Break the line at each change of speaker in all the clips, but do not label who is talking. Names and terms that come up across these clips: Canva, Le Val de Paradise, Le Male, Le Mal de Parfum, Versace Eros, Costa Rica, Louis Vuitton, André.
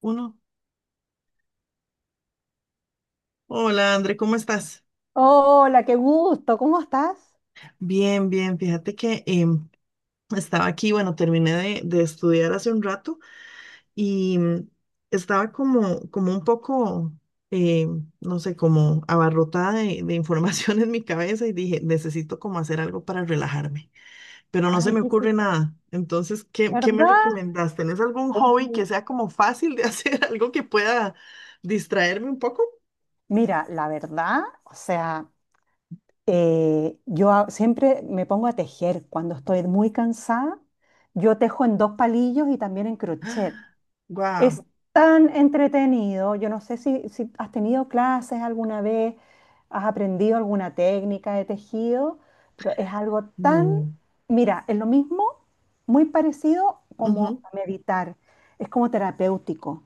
Uno. Hola, André, ¿cómo estás?
Hola, qué gusto, ¿cómo estás?
Bien, bien. Fíjate que estaba aquí, bueno, terminé de estudiar hace un rato y estaba como, como un poco, no sé, como abarrotada de información en mi cabeza y dije, necesito como hacer algo para relajarme, pero no se
Ay,
me
¿qué
ocurre
hiciste?
nada. Entonces, ¿qué me
¿Verdad?
recomendás? ¿Tenés algún hobby
Uh,
que sea como fácil de hacer, algo que pueda distraerme un poco?
Mira, la verdad, o sea, siempre me pongo a tejer cuando estoy muy cansada. Yo tejo en dos palillos y también en crochet. Es
Wow,
tan entretenido. Yo no sé si has tenido clases alguna vez, has aprendido alguna técnica de tejido, pero es algo tan,
no.
mira, es lo mismo, muy parecido como a meditar. Es como terapéutico.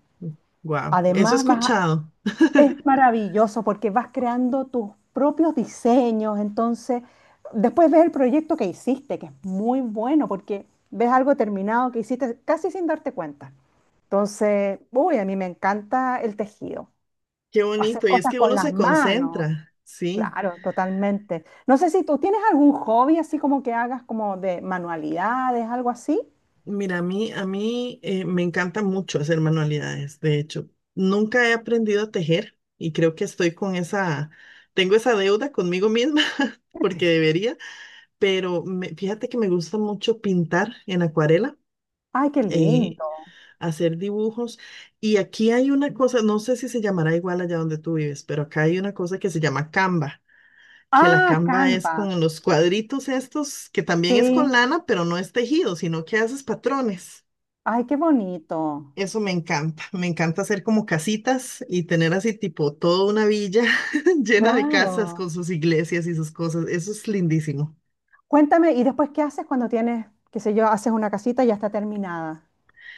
Wow.
Wow, eso he
Además, vas sí,
escuchado.
es maravilloso porque vas creando tus propios diseños. Entonces, después ves el proyecto que hiciste, que es muy bueno porque ves algo terminado que hiciste casi sin darte cuenta. Entonces, uy, a mí me encanta el tejido,
Qué
hacer
bonito. Y es
cosas
que
con
uno
las
se
manos,
concentra, sí.
claro, totalmente. No sé si tú tienes algún hobby así como que hagas como de manualidades, algo así.
Mira, a mí me encanta mucho hacer manualidades. De hecho, nunca he aprendido a tejer y creo que estoy con esa, tengo esa deuda conmigo misma porque
Sí.
debería, pero fíjate que me gusta mucho pintar en acuarela,
Ay, qué
eh,
lindo.
hacer dibujos. Y aquí hay una cosa, no sé si se llamará igual allá donde tú vives, pero acá hay una cosa que se llama Canva, que la
Ah, ah,
camba es
Canva.
con los cuadritos estos, que también es con
Sí.
lana, pero no es tejido, sino que haces patrones.
Ay, qué bonito.
Eso me encanta hacer como casitas y tener así tipo toda una villa llena de casas
Claro.
con sus iglesias y sus cosas. Eso es lindísimo.
Cuéntame, ¿y después qué haces cuando tienes, qué sé yo, haces una casita y ya está terminada?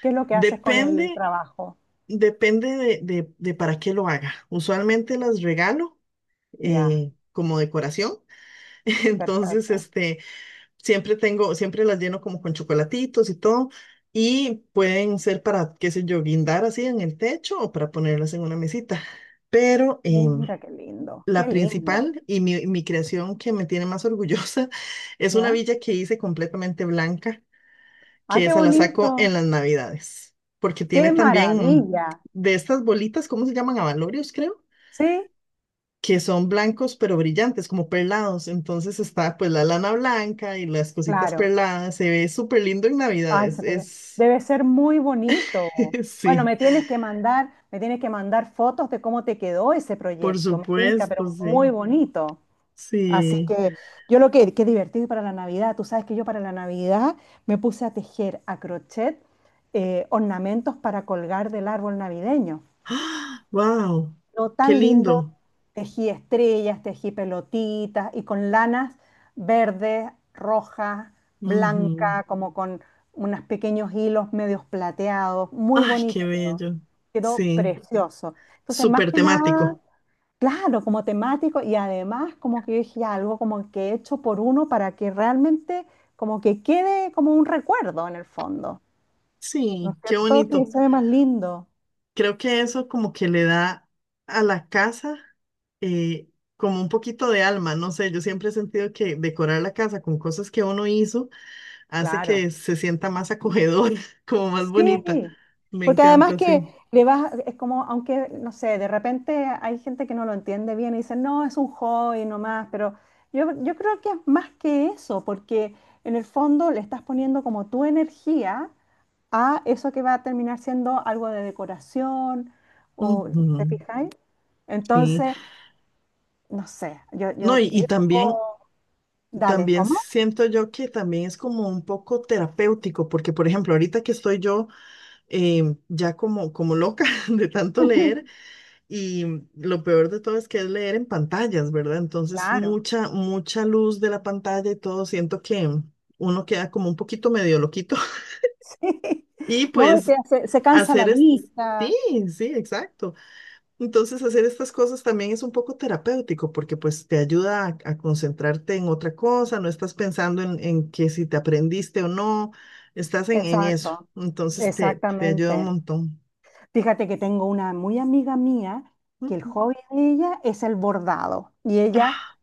¿Qué es lo que haces con el
Depende,
trabajo?
depende de para qué lo haga. Usualmente las regalo
Ya,
como decoración. Entonces,
perfecto.
siempre tengo, siempre las lleno como con chocolatitos y todo. Y pueden ser para, qué sé yo, guindar así en el techo o para ponerlas en una mesita. Pero
Mira, qué lindo.
la
Qué lindo.
principal y mi creación que me tiene más orgullosa es una
¿Ya?
villa que hice completamente blanca,
¡Ay,
que
qué, sí,
esa la saco
bonito!
en las Navidades, porque
¡Qué
tiene también
maravilla!
de estas bolitas, ¿cómo se llaman? Abalorios, creo
¿Sí?
que son blancos pero brillantes, como perlados. Entonces está pues la lana blanca y las cositas
Claro.
perladas. Se ve súper lindo en
Ay,
Navidades.
se te ve.
Es,
Debe ser muy bonito. Bueno,
sí,
me tienes sí, que mandar fotos de cómo te quedó ese
por
proyecto. Me pinta,
supuesto,
pero muy
sí,
bonito. Así
sí.
que sí. Qué divertido para la Navidad. Tú sabes que yo para la Navidad me puse a tejer a crochet ornamentos para colgar del árbol navideño.
¡Ah! ¡Wow!
Lo
¡Qué
tan lindo,
lindo!
tejí estrellas, tejí pelotitas y con lanas verdes, rojas,
Ujú.
blanca, como con unos pequeños hilos medios plateados, muy
¡Ay, qué
bonito quedó,
bello! Sí,
precioso. Entonces, más
súper
que nada,
temático.
claro, como temático y además como que yo dije: "Ya, algo como que hecho por uno para que realmente como que quede como un recuerdo en el fondo, ¿no
Sí,
es
qué
cierto? Que
bonito.
se ve más lindo,
Creo que eso como que le da a la casa eh, como un poquito de alma, no sé, yo siempre he sentido que decorar la casa con cosas que uno hizo hace
claro".
que se sienta más acogedora, como más bonita.
Sí,
Me
porque además
encanta,
que
sí.
le vas, es como, aunque, no sé, de repente hay gente que no lo entiende bien y dice, no, es un hobby nomás, pero yo creo que es más que eso, porque en el fondo le estás poniendo como tu energía a eso que va a terminar siendo algo de decoración, o, ¿te
Ujú,
fijáis?
sí.
Entonces, no sé,
No, y también,
digo, dale,
también
¿cómo?
siento yo que también es como un poco terapéutico, porque por ejemplo, ahorita que estoy yo ya como, como loca de tanto leer. Y lo peor de todo es que es leer en pantallas, ¿verdad? Entonces,
Claro,
mucha, mucha luz de la pantalla y todo, siento que uno queda como un poquito medio loquito.
sí,
Y
no, es
pues
que se cansa la
hacer es... Sí,
vista.
sí, exacto. Entonces, hacer estas cosas también es un poco terapéutico porque pues te ayuda a concentrarte en otra cosa, no estás pensando en que si te aprendiste o no, estás en eso.
Exacto,
Entonces, te ayuda un
exactamente.
montón.
Fíjate que tengo una muy amiga mía que el
Ujú.
hobby de ella es el bordado y ella
Ah,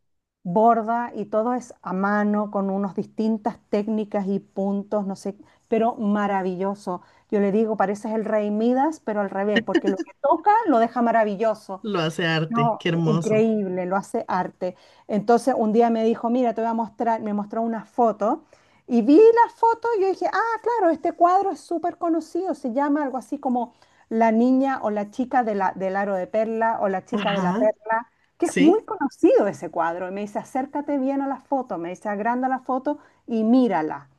borda, y todo es a mano con unas distintas técnicas y puntos, no sé, pero maravilloso. Yo le digo, pareces el rey Midas, pero al revés, porque lo que toca lo deja maravilloso.
lo hace arte,
No,
qué hermoso.
increíble, lo hace arte. Entonces un día me dijo, mira, te voy a mostrar, me mostró una foto y vi la foto y yo dije, ah, claro, este cuadro es súper conocido, se llama algo así como La Niña o La Chica de del Aro de Perla o La Chica de la
Ajá,
Perla, que es
sí.
muy conocido ese cuadro. Y me dice, acércate bien a la foto, me dice, agranda la foto y mírala.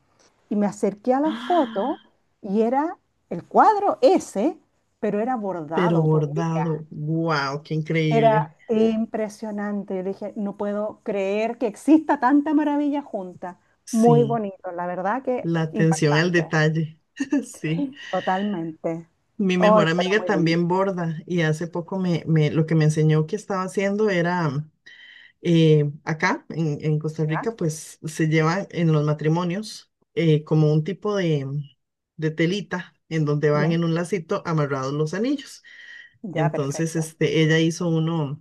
Y me acerqué a la
¡Ah!
foto y era el cuadro ese, pero era
Pero
bordado por ella.
bordado, wow, qué increíble.
Era impresionante. Yo dije, no puedo creer que exista tanta maravilla junta. Muy
Sí,
bonito, la verdad que
la atención al
impactante,
detalle. Sí,
totalmente.
mi
Hoy,
mejor
pero
amiga
muy lindo.
también borda y hace poco lo que me enseñó que estaba haciendo era acá en Costa
¿Ya?
Rica, pues se lleva en los matrimonios como un tipo de telita en donde van
¿Ya?
en un lacito amarrados los anillos.
Ya,
Entonces,
perfecto.
ella hizo uno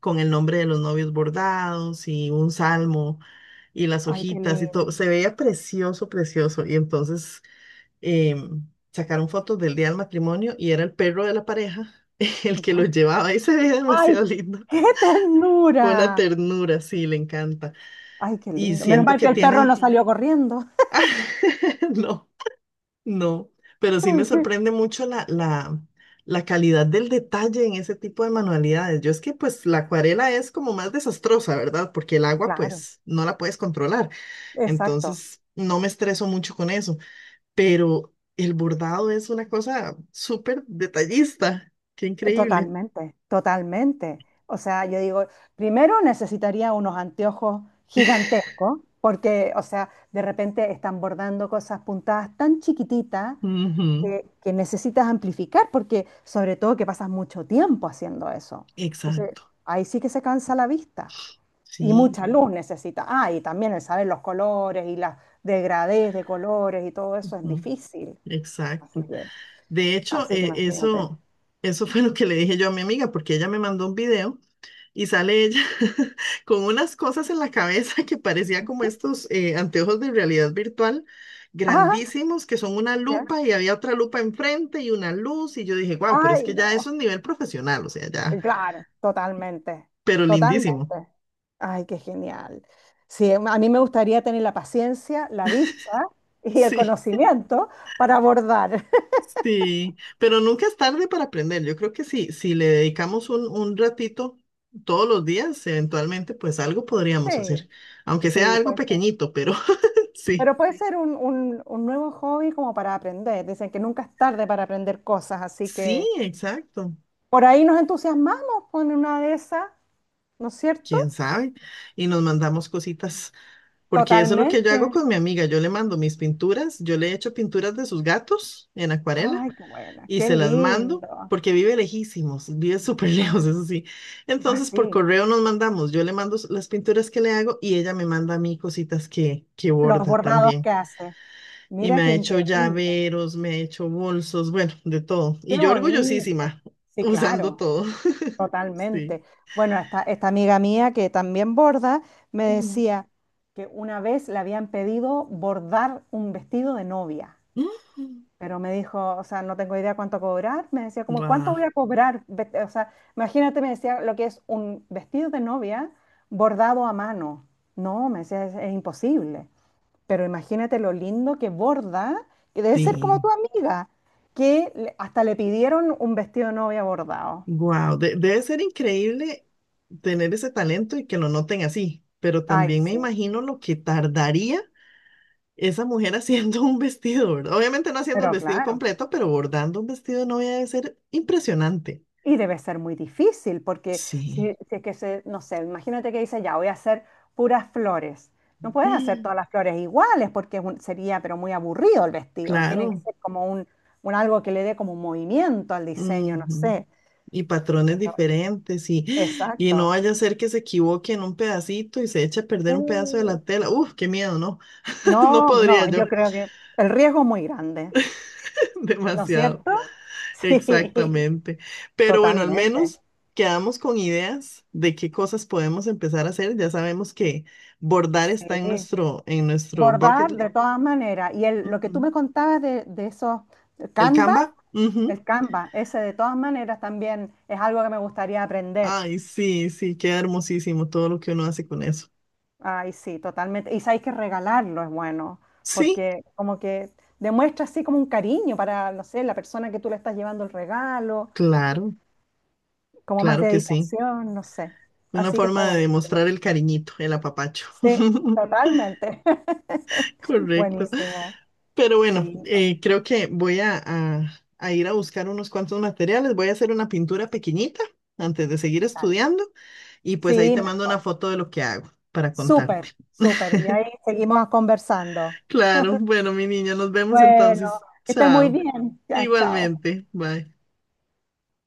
con el nombre de los novios bordados y un salmo y las
Ay, qué
hojitas y todo.
lindo.
Se veía precioso, precioso. Y entonces em, sacaron fotos del día del matrimonio y era el perro de la pareja el que lo
¿Ya?
llevaba y se veía demasiado
Ay,
lindo.
qué
Fue una
ternura.
ternura, sí, le encanta.
Ay, qué
Y
lindo. Menos
siento
mal que
que
el perro no
tiene...
salió corriendo.
No. No, pero sí me sorprende mucho la calidad del detalle en ese tipo de manualidades. Yo es que pues la acuarela es como más desastrosa, ¿verdad? Porque el agua
Claro,
pues no la puedes controlar.
exacto.
Entonces no me estreso mucho con eso. Pero el bordado es una cosa súper detallista. Qué increíble.
Totalmente, totalmente. O sea, yo digo, primero necesitaría unos anteojos gigantescos, porque, o sea, de repente están bordando cosas puntadas tan chiquititas
Ujú,
que necesitas amplificar, porque sobre todo que pasas mucho tiempo haciendo eso. Entonces,
exacto.
ahí sí que se cansa la vista y
Sí,
mucha luz necesita. Ah, y también el saber los colores y las degradés de colores y todo eso es
ujú,
difícil. Así
exacto.
que,
De hecho,
así que imagínate.
eso, eso fue lo que le dije yo a mi amiga porque ella me mandó un video. Y sale ella con unas cosas en la cabeza que parecía como estos anteojos de realidad virtual
Ah,
grandísimos, que son una
ya.
lupa y había otra lupa enfrente y una luz. Y yo dije, wow, pero es
Ay,
que ya eso
no.
es nivel profesional, o sea, ya,
Claro, totalmente.
pero lindísimo.
Ay, qué genial. Sí, a mí me gustaría tener la paciencia, la vista y el
Sí,
conocimiento para abordar.
sí, pero nunca es tarde para aprender. Yo creo que sí, si le dedicamos un ratito todos los días, eventualmente, pues algo podríamos
Sí,
hacer, aunque sea
sí,
algo
puede ser.
pequeñito, pero sí,
Pero puede ser un, un nuevo hobby como para aprender. Dicen que nunca es tarde para aprender cosas, así
sí,
que
exacto.
por ahí nos entusiasmamos con una de esas, ¿no es cierto?
Quién sabe, y nos mandamos cositas, porque eso es lo que yo
Totalmente.
hago con mi amiga, yo le mando mis pinturas, yo le echo pinturas de sus gatos en acuarela
Ay, qué buena,
y
qué
se las mando,
lindo.
porque vive lejísimos, vive súper lejos,
Ah,
eso sí.
ah,
Entonces, por
sí,
correo nos mandamos, yo le mando las pinturas que le hago y ella me manda a mí cositas que
los
borda
bordados que
también.
hace.
Y me
Mira qué
ha hecho
increíble.
llaveros, me ha hecho bolsos, bueno, de todo.
Qué
Y yo
bonito.
orgullosísima,
Sí,
usando
claro,
todo. Sí.
totalmente. Bueno, esta amiga mía que también borda me decía que una vez le habían pedido bordar un vestido de novia, pero me dijo, o sea, no tengo idea cuánto cobrar. Me decía, como, ¿cuánto voy
Wow,
a cobrar? O sea, imagínate, me decía lo que es un vestido de novia bordado a mano. No, me decía, es imposible. Pero imagínate lo lindo que borda, que debe ser como
sí.
tu amiga, que hasta le pidieron un vestido de novia bordado.
Wow, debe ser increíble tener ese talento y que lo noten así, pero
Ay,
también me
sí,
imagino lo que tardaría esa mujer haciendo un vestido, ¿verdad? Obviamente no haciendo el
pero
vestido
claro.
completo, pero bordando un vestido de novia debe ser impresionante.
Y debe ser muy difícil, porque
Sí,
si es que se, no sé, imagínate que dice, ya, voy a hacer puras flores. No puedes hacer
mm,
todas las flores iguales, porque sería, pero muy aburrido el vestido. Tiene que
claro.
ser como un, algo que le dé como un movimiento al diseño, no
Ujú.
sé.
Y patrones diferentes y no
Exacto.
vaya a ser que se equivoque en un pedacito y se eche a perder un pedazo de
Uh,
la tela. Uf, qué miedo, ¿no? No
no,
podría
no, yo
yo,
creo que el riesgo es muy grande. ¿No es
demasiado.
cierto? Sí,
Exactamente. Pero bueno, al
totalmente.
menos quedamos con ideas de qué cosas podemos empezar a hacer. Ya sabemos que bordar está
Sí.
en nuestro
Bordar
bucket
de
list.
todas maneras. Lo que tú
Ujú.
me contabas de esos
El
Canva,
Canva. Ujú.
el Canva, ese de todas maneras también es algo que me gustaría aprender.
Ay, sí, sí, queda hermosísimo todo lo que uno hace con eso.
Ay, sí, totalmente. Y sabéis que regalarlo es bueno,
Sí,
porque como que demuestra así como un cariño para, no sé, la persona que tú le estás llevando el regalo,
claro,
como más
claro que sí.
dedicación, no sé.
Una
Así que está
forma de
buenísimo.
demostrar el cariñito, el apapacho.
Sí, totalmente.
Correcto.
Buenísimo.
Pero bueno,
Sí,
creo que voy a, a ir a buscar unos cuantos materiales. Voy a hacer una pintura pequeñita antes de seguir
dale.
estudiando y pues ahí
Sí,
te mando una
mejor.
foto de lo que hago para
Súper,
contarte.
perfecto, súper. Y ahí seguimos conversando.
Claro, bueno, mi niña, nos vemos
Bueno,
entonces.
que estés muy
Chao.
bien. Ya, chao.
Igualmente. Bye.